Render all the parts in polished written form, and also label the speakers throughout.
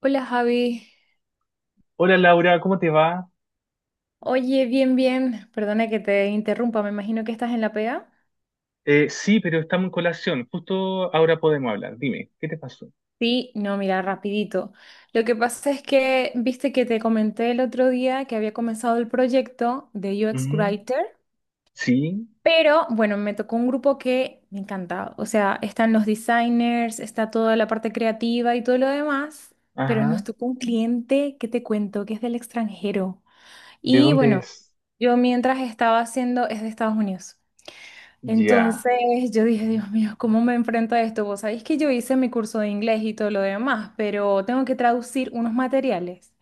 Speaker 1: Hola Javi,
Speaker 2: Hola Laura, ¿cómo te va?
Speaker 1: oye, bien, bien, perdona que te interrumpa, me imagino que estás en la pega.
Speaker 2: Sí, pero estamos en colación. Justo ahora podemos hablar. Dime, ¿qué te pasó?
Speaker 1: Sí, no, mira, rapidito. Lo que pasa es que, viste que te comenté el otro día que había comenzado el proyecto de UX
Speaker 2: Ujú.
Speaker 1: Writer,
Speaker 2: Sí,
Speaker 1: pero bueno, me tocó un grupo que me encanta, o sea, están los designers, está toda la parte creativa y todo lo demás, pero nos
Speaker 2: ajá.
Speaker 1: tocó un cliente que te cuento que es del extranjero.
Speaker 2: ¿De
Speaker 1: Y
Speaker 2: dónde
Speaker 1: bueno,
Speaker 2: es?
Speaker 1: yo mientras estaba haciendo es de Estados Unidos.
Speaker 2: Ya.
Speaker 1: Entonces yo dije, Dios mío, ¿cómo me enfrento a esto? Vos sabéis que yo hice mi curso de inglés y todo lo demás, pero tengo que traducir unos materiales.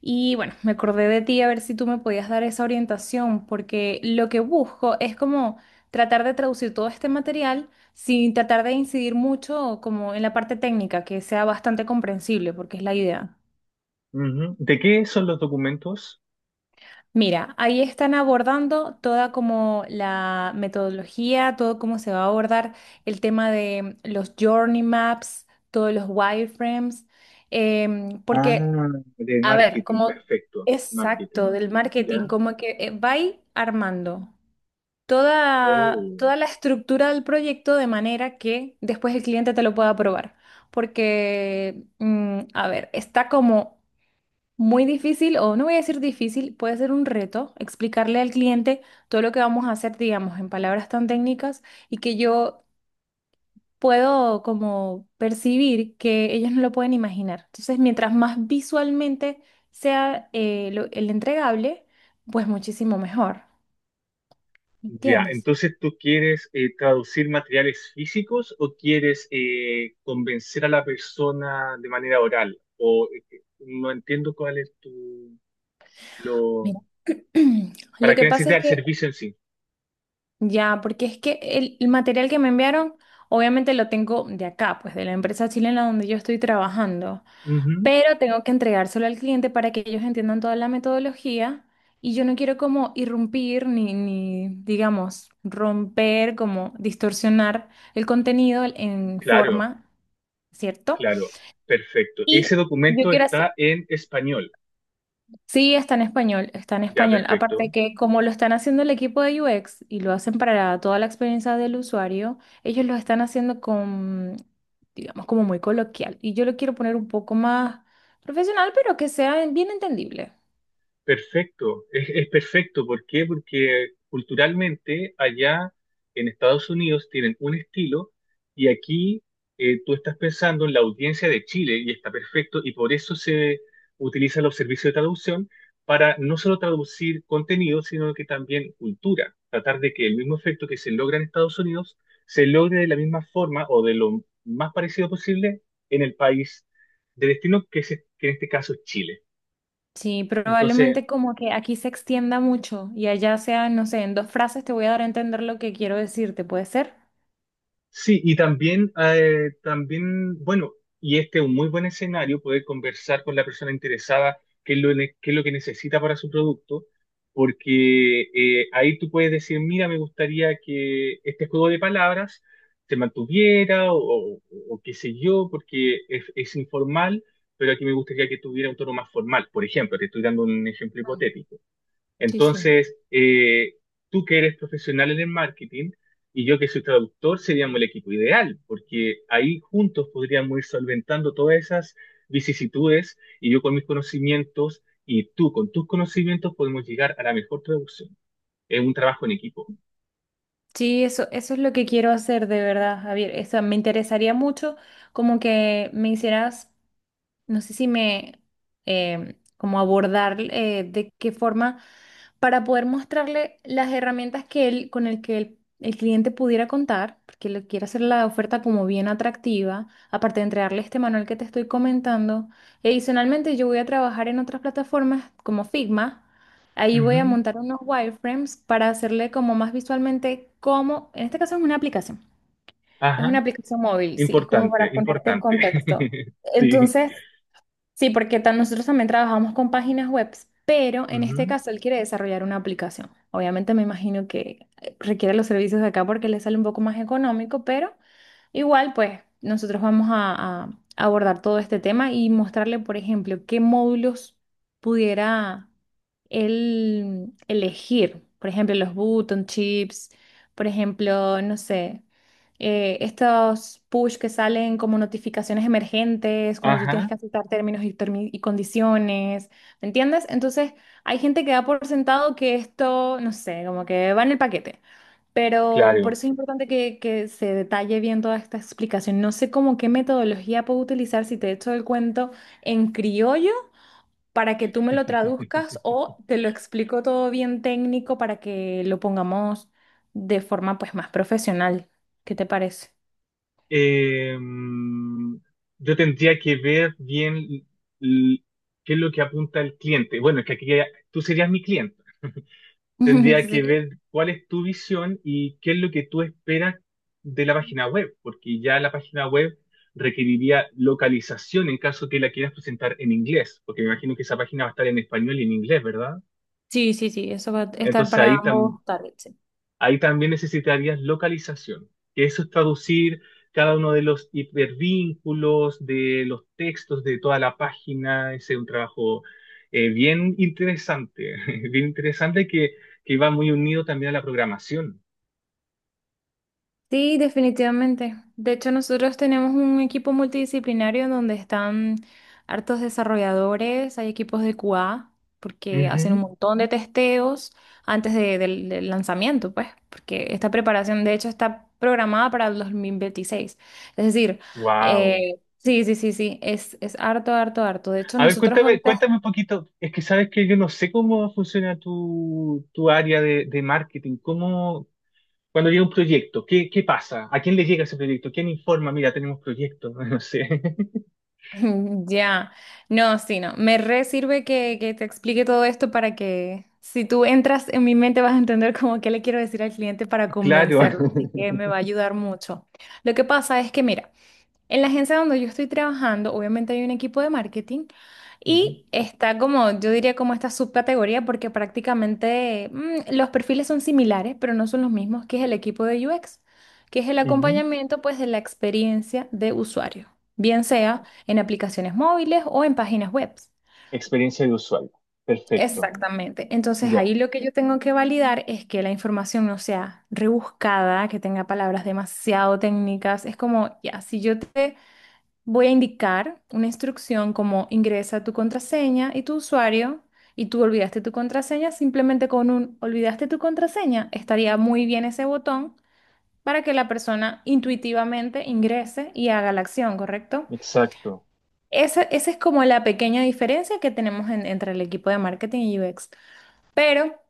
Speaker 1: Y bueno, me acordé de ti a ver si tú me podías dar esa orientación, porque lo que busco es como tratar de traducir todo este material sin tratar de incidir mucho como en la parte técnica, que sea bastante comprensible, porque es la idea.
Speaker 2: Ujú. ¿De qué son los documentos?
Speaker 1: Mira, ahí están abordando toda como la metodología, todo cómo se va a abordar el tema de los journey maps, todos los wireframes, em,
Speaker 2: Ah,
Speaker 1: porque,
Speaker 2: de
Speaker 1: a ver,
Speaker 2: marketing,
Speaker 1: como
Speaker 2: perfecto. Marketing.
Speaker 1: exacto del marketing,
Speaker 2: Ya.
Speaker 1: como que va ahí armando toda,
Speaker 2: Oh.
Speaker 1: toda la estructura del proyecto de manera que después el cliente te lo pueda probar. Porque, a ver, está como muy difícil, o no voy a decir difícil, puede ser un reto explicarle al cliente todo lo que vamos a hacer, digamos, en palabras tan técnicas y que yo puedo como percibir que ellos no lo pueden imaginar. Entonces, mientras más visualmente sea el entregable, pues muchísimo mejor,
Speaker 2: Ya,
Speaker 1: ¿entiendes?
Speaker 2: entonces tú quieres traducir materiales físicos o quieres convencer a la persona de manera oral? O no entiendo cuál es tu lo.
Speaker 1: Mira. Lo
Speaker 2: ¿Para qué
Speaker 1: que pasa
Speaker 2: necesitas
Speaker 1: es que
Speaker 2: el servicio en sí?
Speaker 1: ya, porque es que el material que me enviaron, obviamente lo tengo de acá, pues de la empresa chilena donde yo estoy trabajando.
Speaker 2: Ujú.
Speaker 1: Pero tengo que entregárselo al cliente para que ellos entiendan toda la metodología y yo no quiero como irrumpir ni digamos, romper, como distorsionar el contenido en
Speaker 2: Claro,
Speaker 1: forma, ¿cierto?
Speaker 2: claro, perfecto. Ese
Speaker 1: Y yo
Speaker 2: documento
Speaker 1: quiero hacer...
Speaker 2: está en español.
Speaker 1: Sí, está en español, está en
Speaker 2: Ya,
Speaker 1: español. Aparte
Speaker 2: perfecto.
Speaker 1: que como lo están haciendo el equipo de UX y lo hacen para toda la experiencia del usuario, ellos lo están haciendo con, digamos, como muy coloquial. Y yo lo quiero poner un poco más profesional, pero que sea bien entendible.
Speaker 2: Perfecto, es perfecto. ¿Por qué? Porque culturalmente allá en Estados Unidos tienen un estilo y aquí, tú estás pensando en la audiencia de Chile y está perfecto, y por eso se utilizan los servicios de traducción para no solo traducir contenido, sino que también cultura. Tratar de que el mismo efecto que se logra en Estados Unidos se logre de la misma forma o de lo más parecido posible en el país de destino que en este caso es Chile.
Speaker 1: Sí,
Speaker 2: Entonces,
Speaker 1: probablemente como que aquí se extienda mucho y allá sea, no sé, en dos frases te voy a dar a entender lo que quiero decirte, ¿puede ser?
Speaker 2: sí, y también, bueno, y este es un muy buen escenario, poder conversar con la persona interesada qué es lo, qué es lo que necesita para su producto, porque ahí tú puedes decir, mira, me gustaría que este juego de palabras se mantuviera o qué sé yo, porque es informal, pero aquí me gustaría que tuviera un tono más formal. Por ejemplo, te estoy dando un ejemplo
Speaker 1: Mm,
Speaker 2: hipotético.
Speaker 1: Sí, sí.
Speaker 2: Entonces, tú que eres profesional en el marketing y yo que soy traductor, seríamos el equipo ideal, porque ahí juntos podríamos ir solventando todas esas vicisitudes, y yo con mis conocimientos y tú con tus conocimientos podemos llegar a la mejor traducción. Es un trabajo en equipo.
Speaker 1: Sí, eso es lo que quiero hacer de verdad, Javier. O sea, me interesaría mucho como que me hicieras no sé si me, em, como abordar de qué forma para poder mostrarle las herramientas que él, con el que el cliente pudiera contar, porque le quiero hacer la oferta como bien atractiva, aparte de entregarle este manual que te estoy comentando. Y adicionalmente yo voy a trabajar en otras plataformas como Figma. Ahí voy a
Speaker 2: Ujú.
Speaker 1: montar unos wireframes para hacerle como más visualmente cómo, en este caso es una
Speaker 2: Ajá,
Speaker 1: aplicación móvil, sí, es como para
Speaker 2: importante,
Speaker 1: ponerte en
Speaker 2: importante.
Speaker 1: contexto.
Speaker 2: Sí.
Speaker 1: Entonces, sí, porque nosotros también trabajamos con páginas web, pero en este
Speaker 2: Ujú.
Speaker 1: caso él quiere desarrollar una aplicación. Obviamente me imagino que requiere los servicios de acá porque le sale un poco más económico, pero igual pues nosotros vamos a abordar todo este tema y mostrarle, por ejemplo, qué módulos pudiera él elegir. Por ejemplo, los button chips, por ejemplo, no sé, estos push que salen como notificaciones emergentes cuando tú tienes
Speaker 2: Ajá,
Speaker 1: que aceptar y condiciones, ¿me entiendes? Entonces, hay gente que da por sentado que esto, no sé, como que va en el paquete, pero por
Speaker 2: claro.
Speaker 1: eso es importante que se detalle bien toda esta explicación. No sé cómo qué metodología puedo utilizar si te echo el cuento en criollo, para que tú me lo traduzcas o te lo explico todo bien técnico para que lo pongamos de forma pues más profesional. ¿Qué te parece?
Speaker 2: eh, yo tendría que ver bien l- qué es lo que apunta el cliente. Bueno, es que aquí tú serías mi cliente. Tendría que
Speaker 1: Sí,
Speaker 2: ver cuál es tu visión y qué es lo que tú esperas de la página web, porque ya la página web requeriría localización en caso que la quieras presentar en inglés, porque me imagino que esa página va a estar en español y en inglés, ¿verdad?
Speaker 1: sí, sí, sí, eso va a estar
Speaker 2: Entonces
Speaker 1: para
Speaker 2: ahí
Speaker 1: ambos targets. Sí,
Speaker 2: Ahí también necesitarías localización, que eso es traducir cada uno de los hipervínculos, de los textos, de toda la página. Ese es un trabajo bien interesante, bien interesante, que va muy unido también a la programación.
Speaker 1: sí, definitivamente. De hecho, nosotros tenemos un equipo multidisciplinario en donde están hartos desarrolladores, hay equipos de QA, porque hacen un montón de testeos del lanzamiento, pues, porque esta preparación, de hecho, está programada para el 2026. Es decir,
Speaker 2: Wow.
Speaker 1: sí, sí, sí, sí, es harto, harto, harto. De hecho,
Speaker 2: A ver,
Speaker 1: nosotros
Speaker 2: cuéntame,
Speaker 1: ahorita
Speaker 2: cuéntame un poquito. Es que sabes que yo no sé cómo funciona tu área de marketing. ¿Cómo, cuando llega un proyecto, qué pasa? ¿A quién le llega ese proyecto? ¿Quién informa? Mira, tenemos proyectos. No sé.
Speaker 1: ya, no, sí, no. Me re sirve que te explique todo esto para que si tú entras en mi mente vas a entender como qué le quiero decir al cliente para
Speaker 2: Claro.
Speaker 1: convencerlo. Así que me va a ayudar mucho. Lo que pasa es que, mira, en la agencia donde yo estoy trabajando, obviamente hay un equipo de marketing
Speaker 2: Ujú,
Speaker 1: y está como, yo diría como esta subcategoría porque prácticamente los perfiles son similares, pero no son los mismos, que es el equipo de UX, que es el
Speaker 2: ujú.
Speaker 1: acompañamiento pues de la experiencia de usuario, bien sea en aplicaciones móviles o en páginas web.
Speaker 2: Experiencia de usuario. Perfecto.
Speaker 1: Exactamente. Entonces
Speaker 2: Ya,
Speaker 1: ahí lo que yo tengo que validar es que la información no sea rebuscada, que tenga palabras demasiado técnicas. Es como, ya, si yo te voy a indicar una instrucción como ingresa tu contraseña y tu usuario y tú olvidaste tu contraseña, simplemente con un olvidaste tu contraseña estaría muy bien ese botón para que la persona intuitivamente ingrese y haga la acción, ¿correcto?
Speaker 2: exacto.
Speaker 1: Esa es como la pequeña diferencia que tenemos entre el equipo de marketing y UX. Pero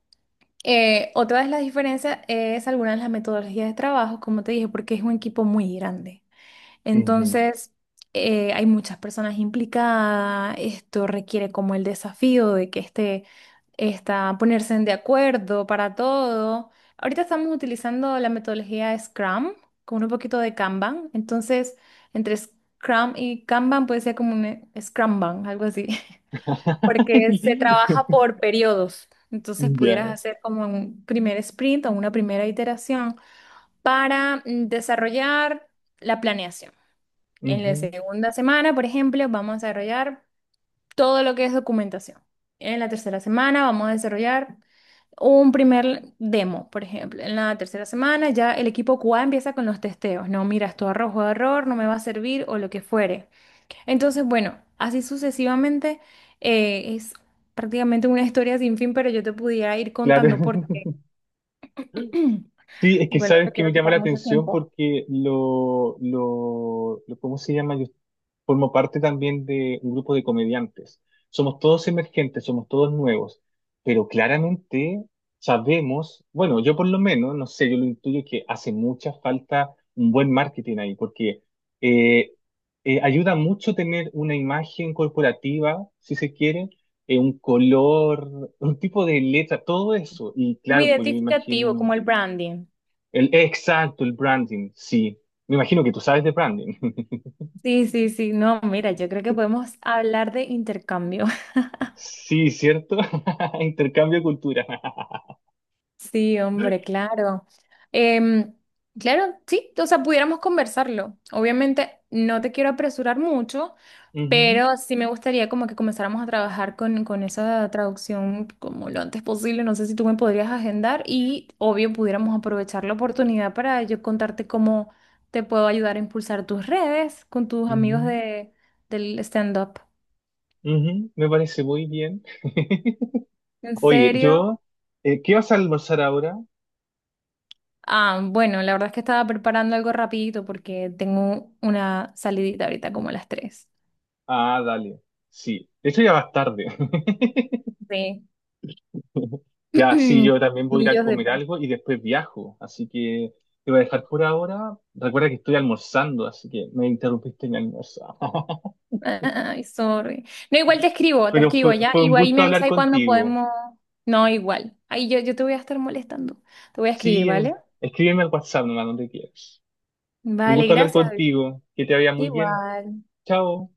Speaker 1: otra de las diferencias es algunas de las metodologías de trabajo, como te dije, porque es un equipo muy grande.
Speaker 2: Ujú.
Speaker 1: Entonces, hay muchas personas implicadas. Esto requiere como el desafío de que está ponerse en de acuerdo para todo. Ahorita estamos utilizando la metodología Scrum con un poquito de Kanban. Entonces, entre Scrum y Kanban puede ser como un Scrumban, algo así, porque se trabaja por periodos. Entonces, pudieras
Speaker 2: Ya.
Speaker 1: hacer como un primer sprint o una primera iteración para desarrollar la planeación. En la
Speaker 2: Ujú,
Speaker 1: segunda semana, por ejemplo, vamos a desarrollar todo lo que es documentación. En la tercera semana vamos a desarrollar un primer demo, por ejemplo. En la tercera semana ya el equipo QA empieza con los testeos. No, mira, esto arrojo error, no me va a servir o lo que fuere. Entonces, bueno, así sucesivamente es prácticamente una historia sin fin, pero yo te pudiera ir contando porque,
Speaker 2: claro. Sí, es que
Speaker 1: bueno, no
Speaker 2: sabes
Speaker 1: te
Speaker 2: que me
Speaker 1: quiero
Speaker 2: llama la
Speaker 1: quitar mucho
Speaker 2: atención
Speaker 1: tiempo.
Speaker 2: porque ¿cómo se llama? Yo formo parte también de un grupo de comediantes. Somos todos emergentes, somos todos nuevos, pero claramente sabemos, bueno, yo por lo menos, no sé, yo lo intuyo, que hace mucha falta un buen marketing ahí, porque eh, ayuda mucho tener una imagen corporativa, si se quiere, un color, un tipo de letra, todo eso. Y
Speaker 1: Como
Speaker 2: claro, pues yo me
Speaker 1: identificativo, como
Speaker 2: imagino.
Speaker 1: el branding.
Speaker 2: Exacto, el branding, sí. Me imagino que tú sabes de branding.
Speaker 1: Sí, sí, sí, no, mira, yo creo que podemos hablar de intercambio.
Speaker 2: Sí, ¿cierto? Intercambio de cultura.
Speaker 1: Sí, hombre, claro. Em, claro, sí, o sea, pudiéramos conversarlo. Obviamente no te quiero apresurar mucho,
Speaker 2: Ujú,
Speaker 1: pero sí me gustaría como que comenzáramos a trabajar con esa traducción como lo antes posible. No sé si tú me podrías agendar y obvio pudiéramos aprovechar la oportunidad para yo contarte cómo te puedo ayudar a impulsar tus redes con tus amigos
Speaker 2: ujú,
Speaker 1: de, del stand-up.
Speaker 2: ujú. Me parece muy bien.
Speaker 1: ¿En
Speaker 2: Oye,
Speaker 1: serio?
Speaker 2: yo, ¿qué vas a almorzar ahora?
Speaker 1: Ah, bueno, la verdad es que estaba preparando algo rapidito porque tengo una salidita ahorita como a las 3.
Speaker 2: Ah, dale. Sí. De hecho, ya vas tarde.
Speaker 1: Sí.
Speaker 2: Ya, sí, yo también voy a ir a
Speaker 1: Millos de...
Speaker 2: comer algo y después viajo. Así que te voy a dejar por ahora. Recuerda que estoy almorzando, así que me interrumpiste en mi almuerzo.
Speaker 1: Ay, sorry. No, igual te
Speaker 2: Pero
Speaker 1: escribo ya.
Speaker 2: fue un
Speaker 1: Igual ahí
Speaker 2: gusto
Speaker 1: me
Speaker 2: hablar
Speaker 1: avisas cuando
Speaker 2: contigo.
Speaker 1: podemos... No, igual. Ahí yo te voy a estar molestando. Te voy a escribir,
Speaker 2: Sí,
Speaker 1: ¿vale?
Speaker 2: en- Escríbeme al WhatsApp nomás donde quieras. Un
Speaker 1: Vale,
Speaker 2: gusto hablar
Speaker 1: gracias.
Speaker 2: contigo. Que te vaya muy bien.
Speaker 1: Igual.
Speaker 2: Chao.